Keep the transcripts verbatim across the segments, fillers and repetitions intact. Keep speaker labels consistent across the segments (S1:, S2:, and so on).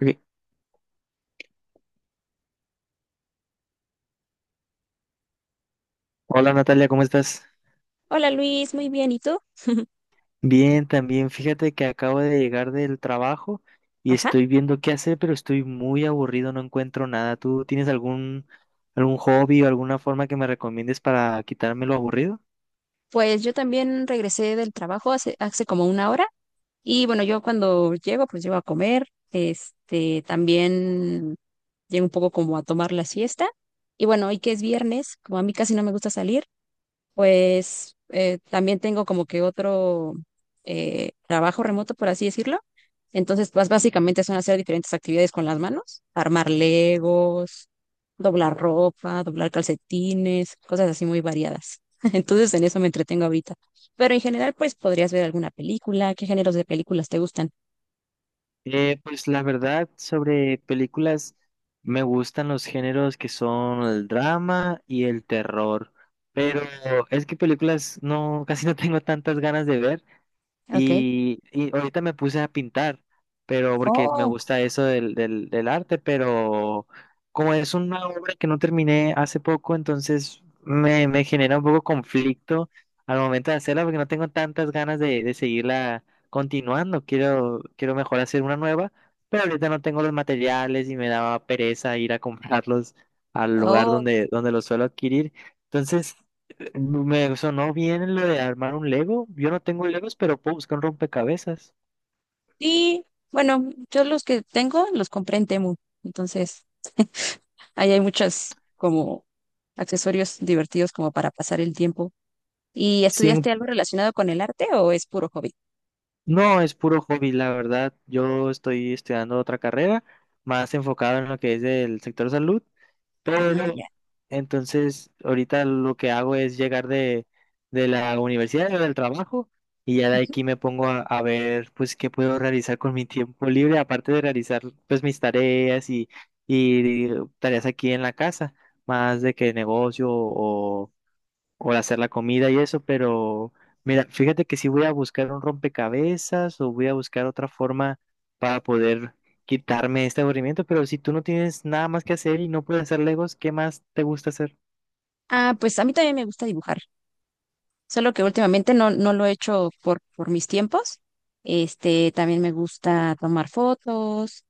S1: Ok. Hola Natalia, ¿cómo estás?
S2: Hola Luis, muy bien, ¿y tú?
S1: Bien, también. Fíjate que acabo de llegar del trabajo y
S2: Ajá,
S1: estoy viendo qué hacer, pero estoy muy aburrido, no encuentro nada. ¿Tú tienes algún, algún hobby o alguna forma que me recomiendes para quitarme lo aburrido?
S2: pues yo también regresé del trabajo hace, hace como una hora. Y bueno, yo cuando llego, pues llego a comer, este, también llego un poco como a tomar la siesta. Y bueno, hoy que es viernes, como a mí casi no me gusta salir. Pues eh, también tengo como que otro eh, trabajo remoto, por así decirlo. Entonces, pues básicamente son hacer diferentes actividades con las manos, armar Legos, doblar ropa, doblar calcetines, cosas así muy variadas. Entonces, en eso me entretengo ahorita. Pero en general, pues podrías ver alguna película. ¿Qué géneros de películas te gustan?
S1: Eh, pues la verdad, sobre películas, me gustan los géneros que son el drama y el terror, pero es que películas no, casi no tengo tantas ganas de ver.
S2: Okay.
S1: Y, y ahorita me puse a pintar, pero porque me
S2: Oh,
S1: gusta eso del, del, del arte, pero como es una obra que no terminé hace poco, entonces me, me genera un poco conflicto al momento de hacerla porque no tengo tantas ganas de, de seguirla continuando. Quiero, quiero mejor hacer una nueva, pero ahorita no tengo los materiales y me daba pereza ir a comprarlos al lugar
S2: oh,
S1: donde, donde los suelo adquirir. Entonces... me sonó bien lo de armar un Lego. Yo no tengo Legos, pero puedo buscar un rompecabezas.
S2: sí. Bueno, yo los que tengo los compré en Temu. Entonces, ahí hay muchas como accesorios divertidos como para pasar el tiempo. ¿Y
S1: Sí,
S2: estudiaste algo relacionado con el arte o es puro hobby?
S1: no, es puro hobby, la verdad. Yo estoy estudiando otra carrera, más enfocado en lo que es el sector salud.
S2: Ah,
S1: Pero
S2: ya.
S1: entonces ahorita lo que hago es llegar de, de la universidad o del trabajo y ya de aquí me pongo a, a ver pues qué puedo realizar con mi tiempo libre, aparte de realizar pues mis tareas y, y tareas aquí en la casa, más de que negocio o o hacer la comida y eso, pero mira, fíjate que si voy a buscar un rompecabezas o voy a buscar otra forma para poder quitarme este aburrimiento, pero si tú no tienes nada más que hacer y no puedes hacer Legos, ¿qué más te gusta hacer?
S2: Ah, pues a mí también me gusta dibujar, solo que últimamente no, no lo he hecho por, por mis tiempos. Este, también me gusta tomar fotos,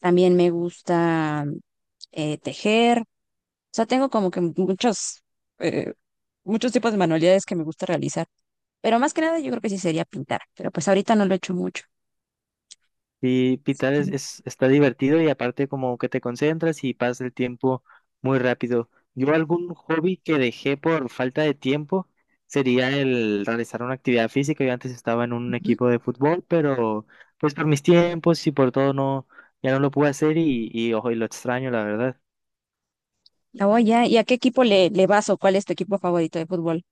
S2: también me gusta mm, eh, tejer. O sea, tengo como que muchos, eh, muchos tipos de manualidades que me gusta realizar. Pero más que nada yo creo que sí sería pintar, pero pues ahorita no lo he hecho mucho.
S1: Sí, pitar es, es- está divertido y aparte como que te concentras y pasa el tiempo muy rápido. Yo algún hobby que dejé por falta de tiempo sería el realizar una actividad física. Yo antes estaba en un
S2: Ujú.
S1: equipo de fútbol, pero pues por mis tiempos y por todo no, ya no lo pude hacer y, y ojo, y lo extraño, la verdad.
S2: Oh, ya. ¿Y a qué equipo le, le vas o cuál es tu equipo favorito de fútbol?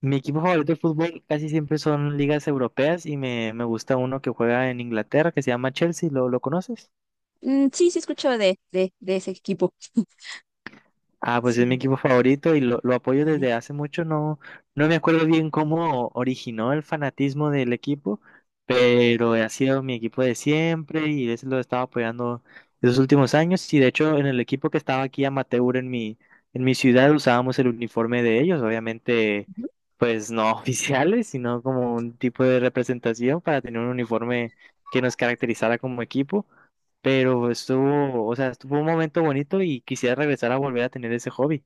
S1: Mi equipo favorito de fútbol casi siempre son ligas europeas y me, me gusta uno que juega en Inglaterra que se llama Chelsea. ¿Lo, lo conoces?
S2: Mm, sí, sí escucho de, de, de ese equipo.
S1: Ah, pues es mi
S2: Sí.
S1: equipo favorito y lo, lo
S2: Ah,
S1: apoyo
S2: ya.
S1: desde hace mucho. No, no me acuerdo bien cómo originó el fanatismo del equipo, pero ha sido mi equipo de siempre y ese lo he estado apoyando los últimos años. Y de hecho, en el equipo que estaba aquí amateur en mi, en mi ciudad usábamos el uniforme de ellos, obviamente, pues no oficiales, sino como un tipo de representación para tener un uniforme que nos caracterizara como equipo, pero estuvo, o sea, estuvo un momento bonito y quisiera regresar a volver a tener ese hobby.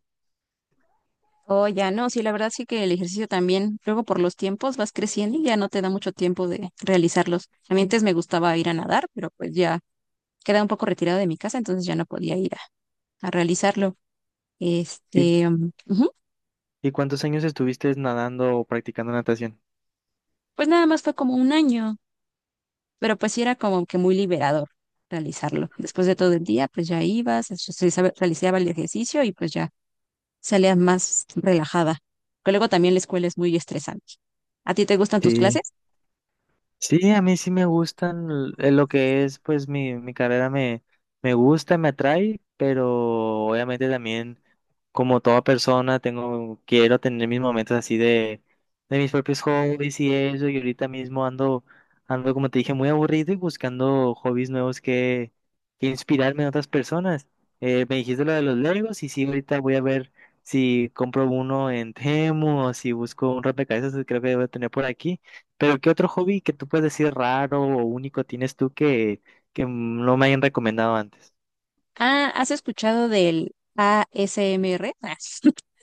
S2: Oh, ya no, sí, la verdad sí que el ejercicio también, luego por los tiempos vas creciendo y ya no te da mucho tiempo de realizarlos. A mí antes me gustaba ir a nadar, pero pues ya quedaba un poco retirado de mi casa, entonces ya no podía ir a, a realizarlo.
S1: ¿Y,
S2: Este, mm, ujú.
S1: y cuántos años estuviste nadando o practicando natación?
S2: Pues nada más fue como un año. Pero pues sí era como que muy liberador realizarlo. Después de todo el día, pues ya ibas, realizaba realizaba el ejercicio y pues ya salías más relajada. Pero luego también la escuela es muy estresante. ¿A ti te gustan tus
S1: Sí,
S2: clases?
S1: sí, a mí sí me gustan l- eh, lo que es, pues mi, mi carrera me, me gusta, me atrae, pero obviamente también... como toda persona, tengo, quiero tener mis momentos así de, de mis propios hobbies y eso, y ahorita mismo ando, ando, como te dije, muy aburrido y buscando hobbies nuevos que, que inspirarme en otras personas. Eh, me dijiste lo de los Legos y sí, ahorita voy a ver si compro uno en Temu o si busco un rompecabezas que creo que debo tener por aquí. Pero ¿qué otro hobby que tú puedes decir raro o único tienes tú que, que no me hayan recomendado antes?
S2: Ah, ¿has escuchado del a s A S M R?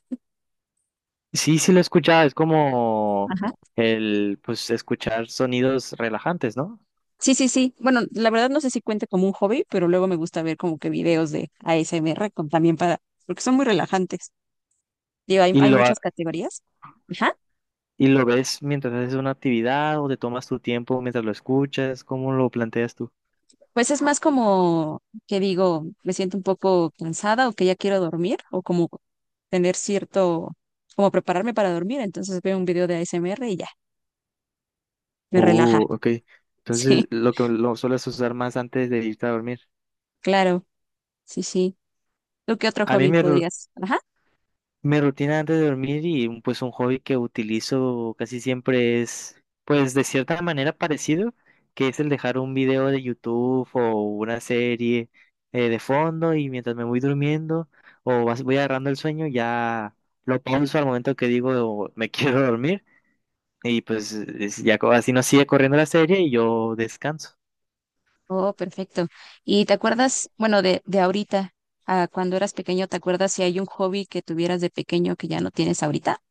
S1: Sí, sí lo he escuchado, es como
S2: Ajá.
S1: el, pues, escuchar sonidos relajantes, ¿no?
S2: Sí, sí, sí. Bueno, la verdad no sé si cuente como un hobby, pero luego me gusta ver como que videos de a s A S M R con- también para, porque son muy relajantes. Digo, hay,
S1: Y
S2: hay
S1: lo, ha-
S2: muchas categorías. Ajá.
S1: y lo ves mientras haces una actividad o te tomas tu tiempo mientras lo escuchas, ¿cómo lo planteas tú?
S2: Pues es más como que digo, me siento un poco cansada o que ya quiero dormir o como tener cierto, como prepararme para dormir. Entonces veo un video de A S M R y ya, me relaja.
S1: Uh, ok.
S2: Sí,
S1: Entonces, lo que lo sueles usar más antes de irte a dormir.
S2: claro, sí, sí. ¿Tú qué otro
S1: A mí
S2: hobby
S1: me,
S2: podrías? Ajá.
S1: Mi rutina antes de dormir y mm, pues un hobby que utilizo casi siempre es pues de cierta manera parecido, que es el dejar un video de YouTube o una serie eh, de fondo y mientras me voy durmiendo o vas- voy agarrando el sueño ya lo pauso al momento que digo me quiero dormir y pues es- ya co- así no sigue corriendo la serie y yo descanso.
S2: Oh, perfecto. ¿Y te acuerdas, bueno, de, de ahorita, a cuando eras pequeño? ¿Te acuerdas si hay un hobby que tuvieras de pequeño que ya no tienes ahorita?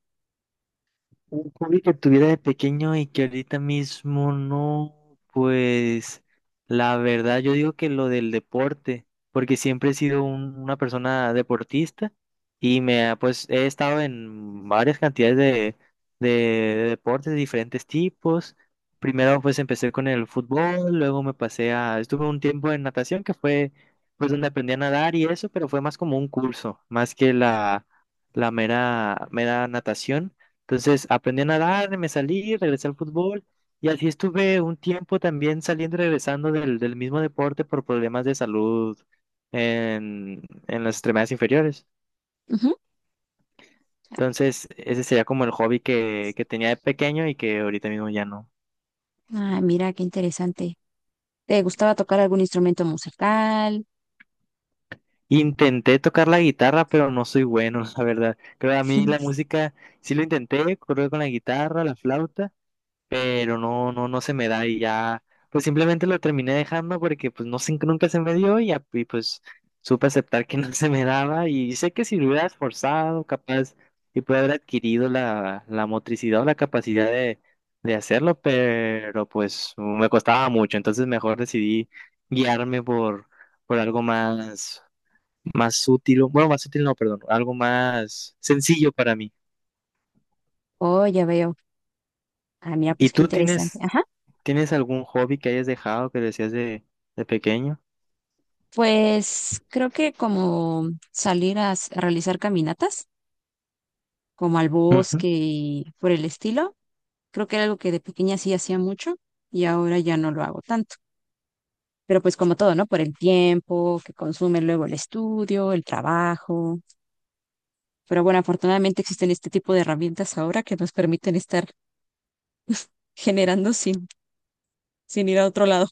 S1: Un hobby que tuviera de pequeño y que ahorita mismo no, pues la verdad yo digo que lo del deporte, porque siempre he sido un- una persona deportista y me ha, pues he estado en varias cantidades de, de deportes de diferentes tipos. Primero pues empecé con el fútbol, luego me pasé a, estuve un tiempo en natación que fue pues donde aprendí a nadar y eso, pero fue más como un curso, más que la, la mera, mera natación. Entonces aprendí a nadar, me salí, regresé al fútbol y así estuve un tiempo también saliendo y regresando del, del mismo deporte por problemas de salud en, en las extremidades inferiores.
S2: Ujú.
S1: Entonces ese sería como el hobby que, que tenía de pequeño y que ahorita mismo ya no.
S2: Ah, mira, qué interesante. ¿Te gustaba tocar algún instrumento musical?
S1: Intenté tocar la guitarra, pero no soy bueno, la verdad. Creo que a mí la música sí lo intenté, correr con la guitarra, la flauta. Pero no, no, no se me da y ya, pues simplemente lo terminé dejando porque pues no sé, nunca se me dio y, ya y, pues supe aceptar que no se me daba y sé que si lo hubiera esforzado, capaz, y pude haber adquirido la, la motricidad o la capacidad de, de hacerlo, pero pues me costaba mucho, entonces mejor decidí guiarme por, por algo más, más útil, bueno, más útil no, perdón, algo más sencillo para mí.
S2: Oh, ya veo. Ah, mira,
S1: ¿Y
S2: pues qué
S1: tú
S2: interesante.
S1: tienes...
S2: Ajá.
S1: ¿Tienes algún hobby que hayas dejado que decías de, de pequeño?
S2: Pues creo que como salir a, s- a realizar caminatas, como al
S1: Ujú.
S2: bosque y por el estilo, creo que era algo que de pequeña sí hacía mucho y ahora ya no lo hago tanto. Pero pues como todo, ¿no? Por el tiempo que consume luego el estudio, el trabajo. Pero bueno, afortunadamente existen este tipo de herramientas ahora que nos permiten estar generando sin, sin ir a otro lado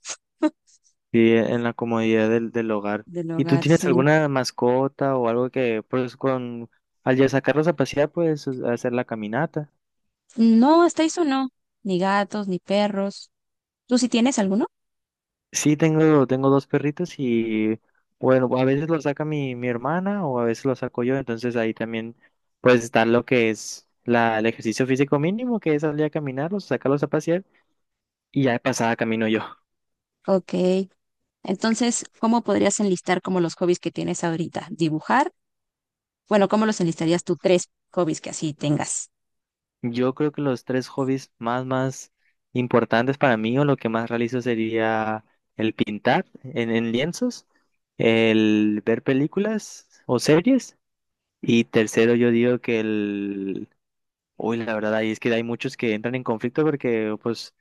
S1: Y en la comodidad del, del hogar.
S2: del
S1: ¿Y tú
S2: hogar,
S1: tienes
S2: sí.
S1: alguna mascota o algo que, pues, con, al ya sacarlos a pasear, puedes hacer la caminata?
S2: No, hasta eso no. Ni gatos, ni perros. ¿Tú sí tienes alguno?
S1: Sí, tengo, tengo dos perritos y, bueno, a veces los saca mi, mi hermana o a veces los saco yo, entonces ahí también, pues, está lo que es la, el ejercicio físico mínimo, que es salir a caminar, los sacarlos a pasear y ya de pasada camino yo.
S2: Ok, entonces, ¿cómo podrías enlistar como los hobbies que tienes ahorita? ¿Dibujar? Bueno, ¿cómo los enlistarías tú? Tres hobbies que así tengas.
S1: Yo creo que los tres hobbies más, más importantes para mí o lo que más realizo sería el pintar en, en lienzos, el ver películas o series y tercero yo digo que el... Uy, la verdad, ahí es que hay muchos que entran en conflicto porque pues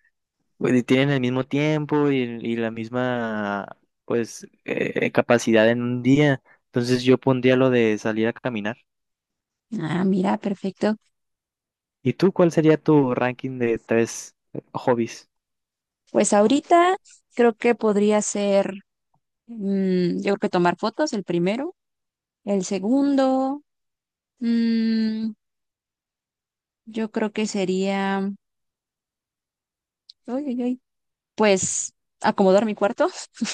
S1: pues, tienen el mismo tiempo y, y la misma pues eh, capacidad en un día. Entonces yo pondría lo de salir a caminar.
S2: Ah, mira, perfecto.
S1: ¿Y tú cuál sería tu ranking de tres hobbies?
S2: Pues ahorita creo que podría ser, mm, yo creo que tomar fotos, el primero. El segundo, mm, yo creo que sería, uy, uy, uy, pues acomodar mi cuarto.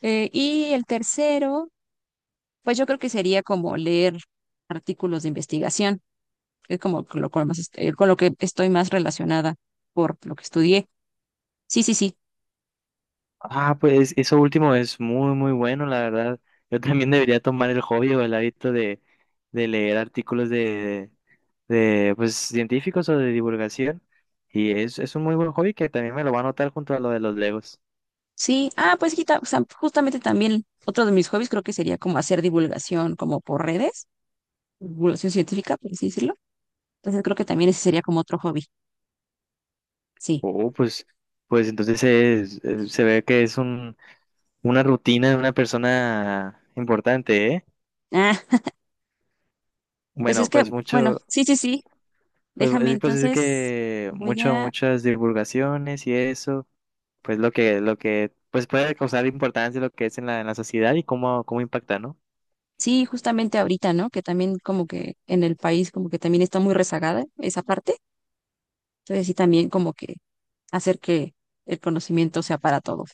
S2: Eh, y el tercero, pues yo creo que sería como leer artículos de investigación. Es como con lo, con lo más, est- eh, con lo que estoy más relacionada por lo que estudié. Sí, sí, sí.
S1: Ah, pues eso último es muy, muy bueno, la verdad. Yo también debería tomar el hobby o el hábito de, de leer artículos de, de, pues, científicos o de divulgación. Y es, es un muy buen hobby que también me lo va a anotar junto a lo de los Legos.
S2: Sí, ah, pues quita- o sea, justamente también otro de mis hobbies creo que sería como hacer divulgación como por redes, divulgación científica, por así decirlo. Entonces creo que también ese sería como otro hobby. Sí.
S1: Oh, pues, pues entonces es- es- se ve que es un, una rutina de una persona importante, ¿eh?
S2: Ah, pues es
S1: Bueno,
S2: que,
S1: pues
S2: bueno,
S1: mucho.
S2: sí, sí, sí.
S1: Pues, pues,
S2: Déjame
S1: es- pues es
S2: entonces,
S1: que
S2: voy
S1: mucho,
S2: a,
S1: muchas divulgaciones y eso, pues lo que, lo que, pues puede causar importancia lo que es en la, en la sociedad y cómo, cómo impacta, ¿no?
S2: sí, justamente ahorita, ¿no? Que también como que en el país como que también está muy rezagada esa parte. Entonces sí, también como que hacer que el conocimiento sea para todos.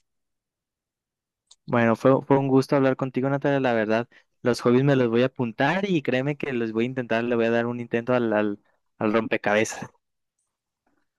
S1: Bueno, fue, fue un gusto hablar contigo, Natalia, la verdad. Los hobbies me los voy a apuntar y créeme que los voy a intentar, le voy a dar un intento al, al, al rompecabezas.